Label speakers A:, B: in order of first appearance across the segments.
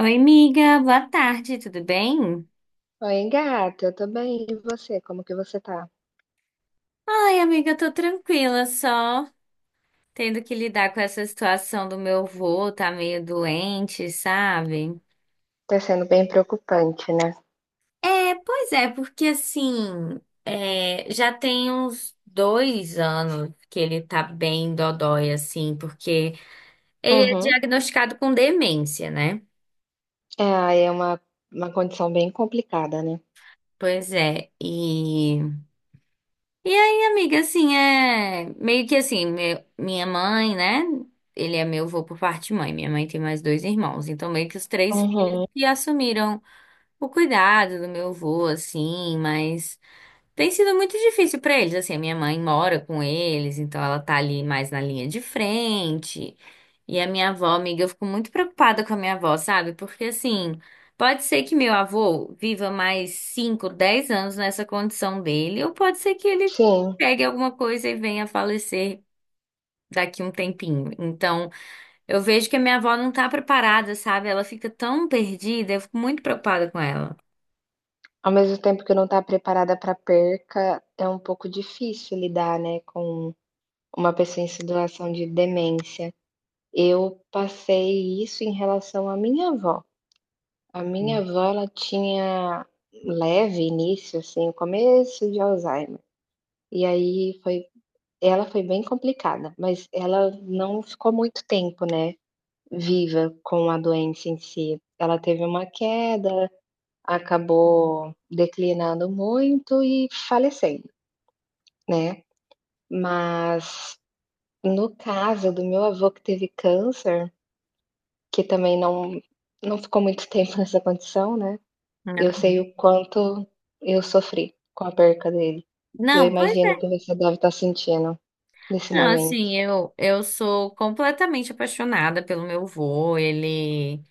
A: Oi, amiga, boa tarde, tudo bem?
B: Oi, gata, eu tô bem. E você? Como que você tá?
A: Ai, amiga, eu tô tranquila, só tendo que lidar com essa situação do meu vô, tá meio doente, sabe?
B: Tá sendo bem preocupante, né?
A: É, pois é, porque assim, é, já tem uns dois anos que ele tá bem dodói, assim, porque ele é
B: Uhum.
A: diagnosticado com demência, né?
B: É, aí é uma condição bem complicada, né?
A: Pois é, e. Amiga, assim, é meio que assim, minha mãe, né? Ele é meu avô por parte de mãe. Minha mãe tem mais dois irmãos, então meio que os três filhos
B: Uhum.
A: que assumiram o cuidado do meu avô, assim, mas. Tem sido muito difícil pra eles, assim, a minha mãe mora com eles, então ela tá ali mais na linha de frente. E a minha avó, amiga, eu fico muito preocupada com a minha avó, sabe? Porque assim, pode ser que meu avô viva mais 5, 10 anos nessa condição dele, ou pode ser que ele
B: Sim.
A: pegue alguma coisa e venha a falecer daqui um tempinho. Então, eu vejo que a minha avó não tá preparada, sabe? Ela fica tão perdida, eu fico muito preocupada com ela.
B: Ao mesmo tempo que não tá preparada pra perca, é um pouco difícil lidar, né, com uma pessoa em situação de demência. Eu passei isso em relação à minha avó. A minha avó, ela tinha leve início, assim, o começo de Alzheimer. E aí foi Ela foi bem complicada, mas ela não ficou muito tempo, né, viva com a doença em si. Ela teve uma queda, acabou declinando muito e falecendo, né. Mas no caso do meu avô que teve câncer, que também não ficou muito tempo nessa condição, né, eu sei o quanto eu sofri com a perca dele. Eu
A: Não, pois
B: imagino que você deve estar sentindo nesse
A: Não,
B: momento.
A: assim, eu sou completamente apaixonada pelo meu vô, ele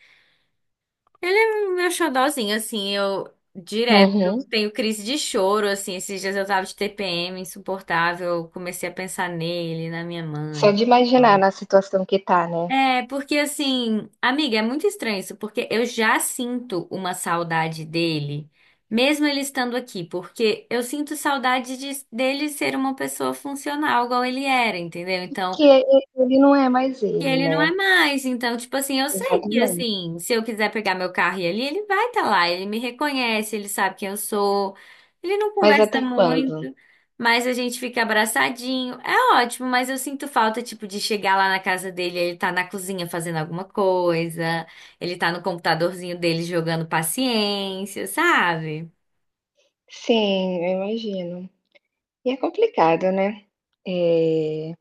A: é o meu xodózinho, assim, eu direto eu
B: Uhum.
A: tenho crise de choro, assim, esses dias eu tava de TPM insuportável, eu comecei a pensar nele, na minha
B: Só
A: mãe.
B: de imaginar na situação que tá, né.
A: É, porque assim, amiga, é muito estranho isso, porque eu já sinto uma saudade dele, mesmo ele estando aqui, porque eu sinto saudade dele ser uma pessoa funcional, igual ele era, entendeu? Então,
B: Que ele não é mais
A: que
B: ele,
A: ele não é
B: né.
A: mais. Então, tipo assim, eu sei que
B: Exatamente.
A: assim, se eu quiser pegar meu carro e ir ali, ele vai estar lá, ele me reconhece, ele sabe quem eu sou. Ele não
B: Mas
A: conversa
B: até quando?
A: muito, mas a gente fica abraçadinho. É ótimo, mas eu sinto falta, tipo, de chegar lá na casa dele, ele tá na cozinha fazendo alguma coisa, ele tá no computadorzinho dele jogando paciência, sabe?
B: Sim, eu imagino. E é complicado, né. Eh,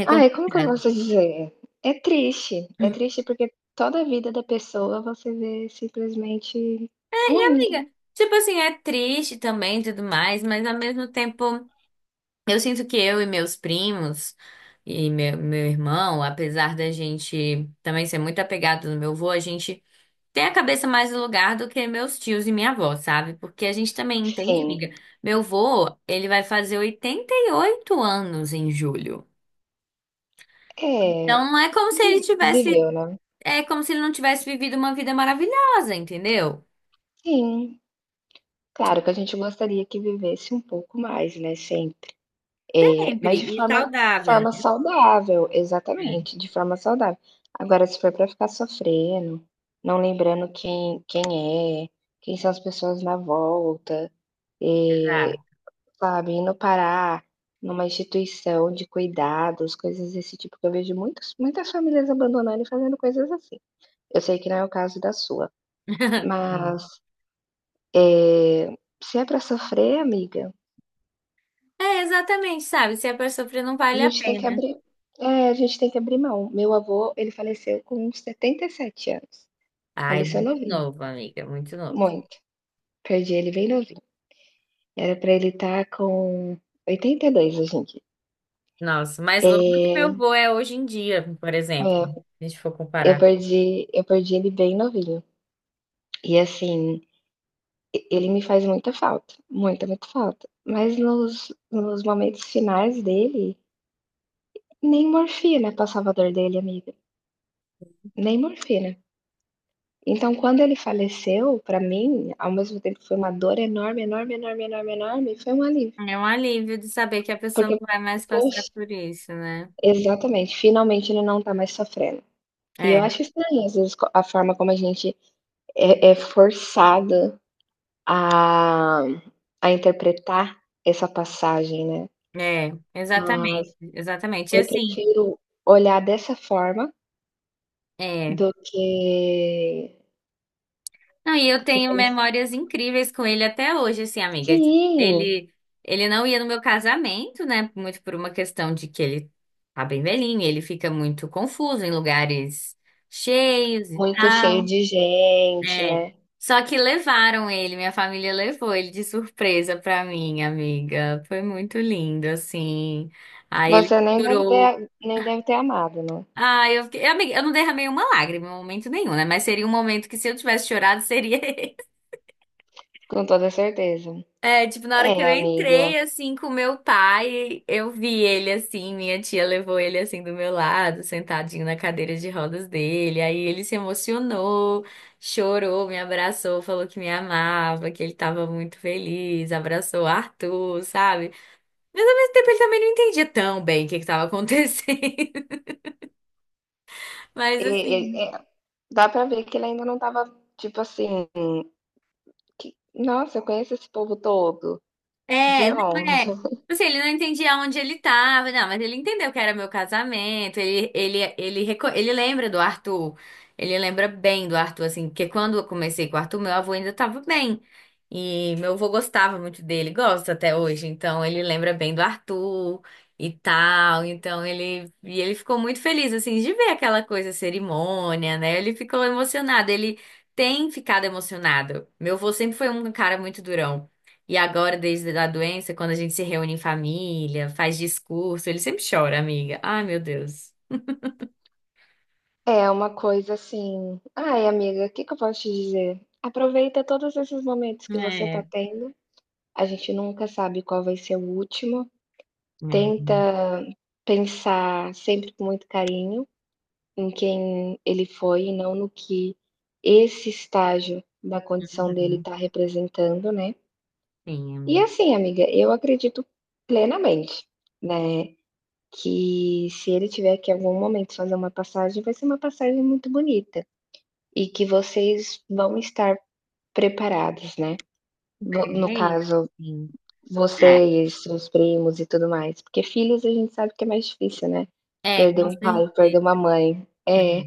A: É
B: ai, como que eu
A: complicado.
B: posso dizer? É triste porque toda a vida da pessoa você vê simplesmente ruindo.
A: Amiga, tipo assim, é triste também e tudo mais, mas ao mesmo tempo. Eu sinto que eu e meus primos e meu irmão, apesar da gente também ser muito apegado no meu avô, a gente tem a cabeça mais no lugar do que meus tios e minha avó, sabe? Porque a gente também entende,
B: Sim,
A: amiga. Meu avô, ele vai fazer 88 anos em julho.
B: é,
A: Então não é como se
B: vi
A: ele tivesse,
B: viveu, né.
A: é como se ele não tivesse vivido uma vida maravilhosa, entendeu?
B: Sim, claro que a gente gostaria que vivesse um pouco mais, né, sempre. Mas
A: Sempre
B: de
A: e
B: forma
A: saudável,
B: forma
A: né?
B: saudável, exatamente, de forma saudável. Agora, se for pra ficar sofrendo, não lembrando quem é, quem são as pessoas na volta, eh,
A: Exato.
B: sabe, e parar numa instituição de cuidados, coisas desse tipo, que eu vejo muitos muitas famílias abandonando e fazendo coisas assim. Eu sei que não é o caso da sua,
A: Sim.
B: mas, eh, se é pra sofrer, amiga,
A: É, exatamente, sabe? Se a pessoa sofrer, não
B: a
A: vale a
B: gente tem que
A: pena.
B: abrir a gente tem que abrir mão. Meu avô, ele faleceu com 77 anos.
A: Ai,
B: Faleceu
A: muito
B: novinho,
A: novo, amiga, muito novo.
B: muito. Perdi ele bem novinho. Era pra ele estar com 82 hoje em dia.
A: Nossa, mais novo do que meu
B: Eh,
A: avô é hoje em dia, por exemplo,
B: é,
A: se a gente for
B: eu
A: comparar.
B: perdi eu perdi ele bem novinho. E assim, e ele me faz muita falta, muita, muita falta. Mas nos momentos finais dele, nem morfina passava a dor dele, amiga, nem morfina. Então, quando ele faleceu, pra mim, ao mesmo tempo que foi uma dor enorme, enorme, enorme, enorme, enorme, foi um alívio.
A: É um alívio de saber que a pessoa
B: Porque,
A: não vai mais
B: poxa
A: passar por isso, né?
B: Exatamente, finalmente ele não tá mais sofrendo. E eu
A: É,
B: acho estranho, às vezes, co a forma como a gente é forçado a interpretar essa passagem, né.
A: é,
B: Mas
A: exatamente, exatamente. E
B: eu
A: assim,
B: prefiro olhar dessa forma.
A: é.
B: Do que
A: Não, e eu
B: do que
A: tenho
B: pens
A: memórias incríveis com ele até hoje, assim, amiga. Tipo,
B: Sim,
A: Ele não ia no meu casamento, né? Muito por uma questão de que ele tá bem velhinho, ele fica muito confuso em lugares cheios e
B: muito cheio
A: tal.
B: de gente,
A: É.
B: né.
A: Só que levaram ele, minha família levou ele de surpresa pra mim, amiga. Foi muito lindo, assim. Aí ele
B: Você nem deve
A: chorou.
B: ter nem deve ter amado, né,
A: Ah, eu fiquei... Amiga, eu não derramei uma lágrima em momento nenhum, né? Mas seria um momento que se eu tivesse chorado, seria
B: com toda certeza.
A: É, tipo, na
B: É,
A: hora que eu
B: amiga,
A: entrei, assim, com meu pai, eu vi ele, assim, minha tia levou ele, assim, do meu lado, sentadinho na cadeira de rodas dele. Aí ele se emocionou, chorou, me abraçou, falou que me amava, que ele tava muito feliz, abraçou o Arthur, sabe? Mas ao mesmo tempo ele também não entendia tão bem o que que tava acontecendo. Mas,
B: e e
A: assim.
B: é dá pra ver que ele ainda não estava, tipo assim, que "Nossa, eu conheço esse povo todo, de
A: É, não
B: onde?".
A: é. Tipo assim, ele não entendia onde ele tava, não, mas ele entendeu que era meu casamento. Ele lembra do Arthur. Ele lembra bem do Arthur, assim, porque quando eu comecei com o Arthur, meu avô ainda tava bem. E meu avô gostava muito dele, gosta até hoje. Então, ele lembra bem do Arthur e tal. Então, e ele ficou muito feliz, assim, de ver aquela coisa, cerimônia, né? Ele ficou emocionado. Ele tem ficado emocionado. Meu avô sempre foi um cara muito durão. E agora, desde a doença, quando a gente se reúne em família, faz discurso, ele sempre chora, amiga. Ai, meu Deus.
B: É uma coisa assim: "Ai, amiga, o que que eu posso te dizer? Aproveita todos esses momentos que você tá
A: É.
B: tendo, a gente nunca sabe qual vai ser o último.
A: É,
B: Tenta pensar sempre com muito carinho em quem ele foi e não no que esse estágio da condição dele
A: uhum,
B: está representando, né".
A: sim,
B: E
A: amiga.
B: assim, amiga, eu acredito plenamente, né, que se ele tiver que em algum momento fazer uma passagem, vai ser uma passagem muito bonita e que vocês vão estar preparados, né. Vo no
A: É isso.
B: caso,
A: Sim. É.
B: vocês, seus primos e tudo mais, porque filhos a gente sabe que é mais difícil, né.
A: É,
B: Perder
A: com
B: um pai, perder
A: certeza.
B: uma mãe.
A: Né?
B: É,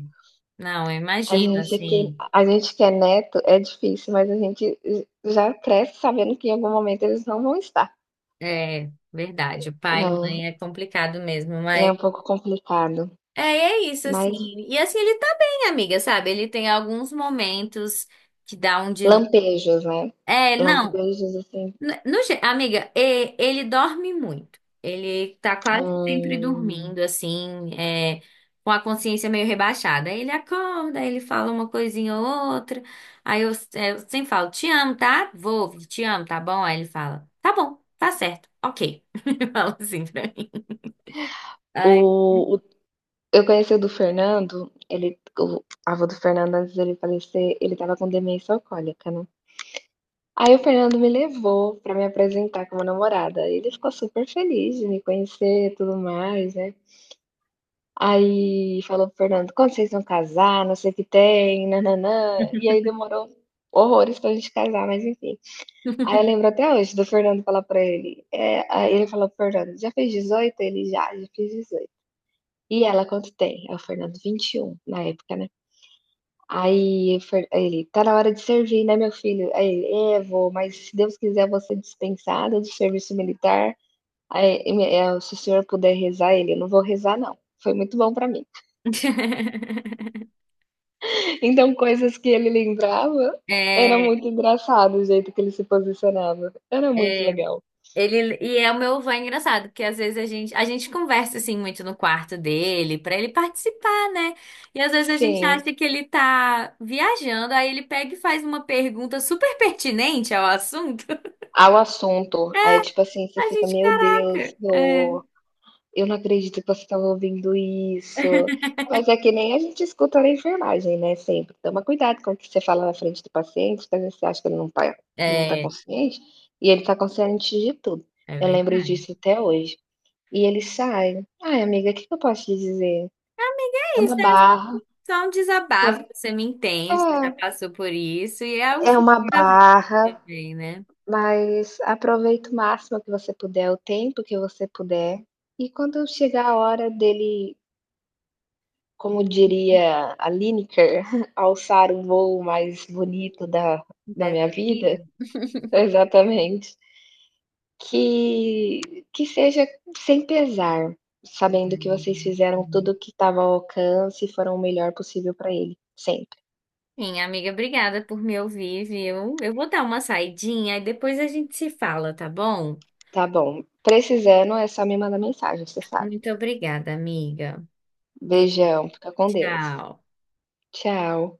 A: Não, eu imagino, assim,
B: a gente que é neto é difícil, mas a gente já cresce sabendo que em algum momento eles não vão estar,
A: é verdade, o pai e
B: né.
A: mãe é complicado mesmo,
B: É
A: mas
B: um pouco complicado,
A: é, é isso, assim,
B: mas
A: e assim, ele tá bem, amiga, sabe, ele tem alguns momentos que dá um de...
B: lampejos, né.
A: É, não,
B: Lampejos assim.
A: N- no ge- amiga, ele dorme muito. Ele tá quase sempre
B: Hum.
A: dormindo, assim, é, com a consciência meio rebaixada. Aí ele acorda, aí ele fala uma coisinha ou outra. Aí eu, é, eu sempre falo, te amo, tá? Vou, te amo, tá bom? Aí ele fala, tá bom, tá certo, ok. Ele fala assim pra mim.
B: o
A: Ai.
B: o eu conheci o do Fernando, ele, o avô do Fernando, antes dele falecer, ele estava com demência alcoólica, né. Aí o Fernando me levou pra me apresentar como namorada, ele ficou super feliz de me conhecer e tudo mais, né. Aí falou para o Fernando: "Quando vocês vão casar, não sei o que tem, nananã". E aí demorou horrores pra gente casar, mas enfim. Aí eu lembro até hoje do Fernando falar pra ele, aí ele falou para o Fernando: "Já fez 18?" Ele: "Já, já fiz 18". E ela quanto tem? Aí o Fernando 21 na época, né. Aí o Fer aí ele: "Tá na hora de servir, né, meu filho?" Aí ele: "É, vô, mas se Deus quiser você ser dispensado do serviço militar, aí e me eh, se o senhor puder rezar". Ele: "Eu não vou rezar não, foi muito bom pra mim". Então, coisas que ele lembrava, era
A: É,
B: muito engraçado o jeito que ele se posicionava, era muito
A: é.
B: legal.
A: E é o meu avô é engraçado, porque às vezes a gente conversa assim muito no quarto dele, pra ele participar, né? E às vezes a gente
B: Sim,
A: acha que ele tá viajando, aí ele pega e faz uma pergunta super pertinente ao assunto.
B: ao assunto, aí tipo assim, você
A: A
B: fica:
A: gente,
B: "Meu Deus,
A: caraca, é,
B: vô, eu não acredito que você estava ouvindo isso". Mas é que nem a gente escuta na enfermagem, né, sempre. Toma cuidado com o que você fala na frente do paciente, porque às vezes você acha que ele não tá
A: é,
B: consciente, e ele tá consciente de tudo.
A: é
B: Eu lembro
A: verdade.
B: disso até hoje. E ele sai: "Ai, amiga, o que que eu posso te dizer? É
A: É isso,
B: uma
A: é
B: barra,
A: só um
B: é um
A: desabafo, você me entende, você
B: é,
A: já passou por isso, e é o
B: é,
A: ciclo
B: uma
A: da vida
B: barra,
A: também, né?
B: mas aproveita o máximo que você puder, o tempo que você puder, e quando chegar a hora dele, como diria a Lineker, alçar o voo mais bonito da minha
A: Dessa
B: vida.
A: vida.
B: Exatamente. Que que seja sem pesar, sabendo que vocês
A: Uhum.
B: fizeram tudo o que estava ao alcance e foram o melhor possível para ele, sempre.
A: Sim, amiga, obrigada por me ouvir, viu? Eu vou dar uma saidinha e depois a gente se fala, tá bom?
B: Tá bom, precisando é só me mandar mensagem, você sabe.
A: Muito obrigada, amiga. Beijo,
B: Beijão, fica com Deus.
A: tchau.
B: Tchau.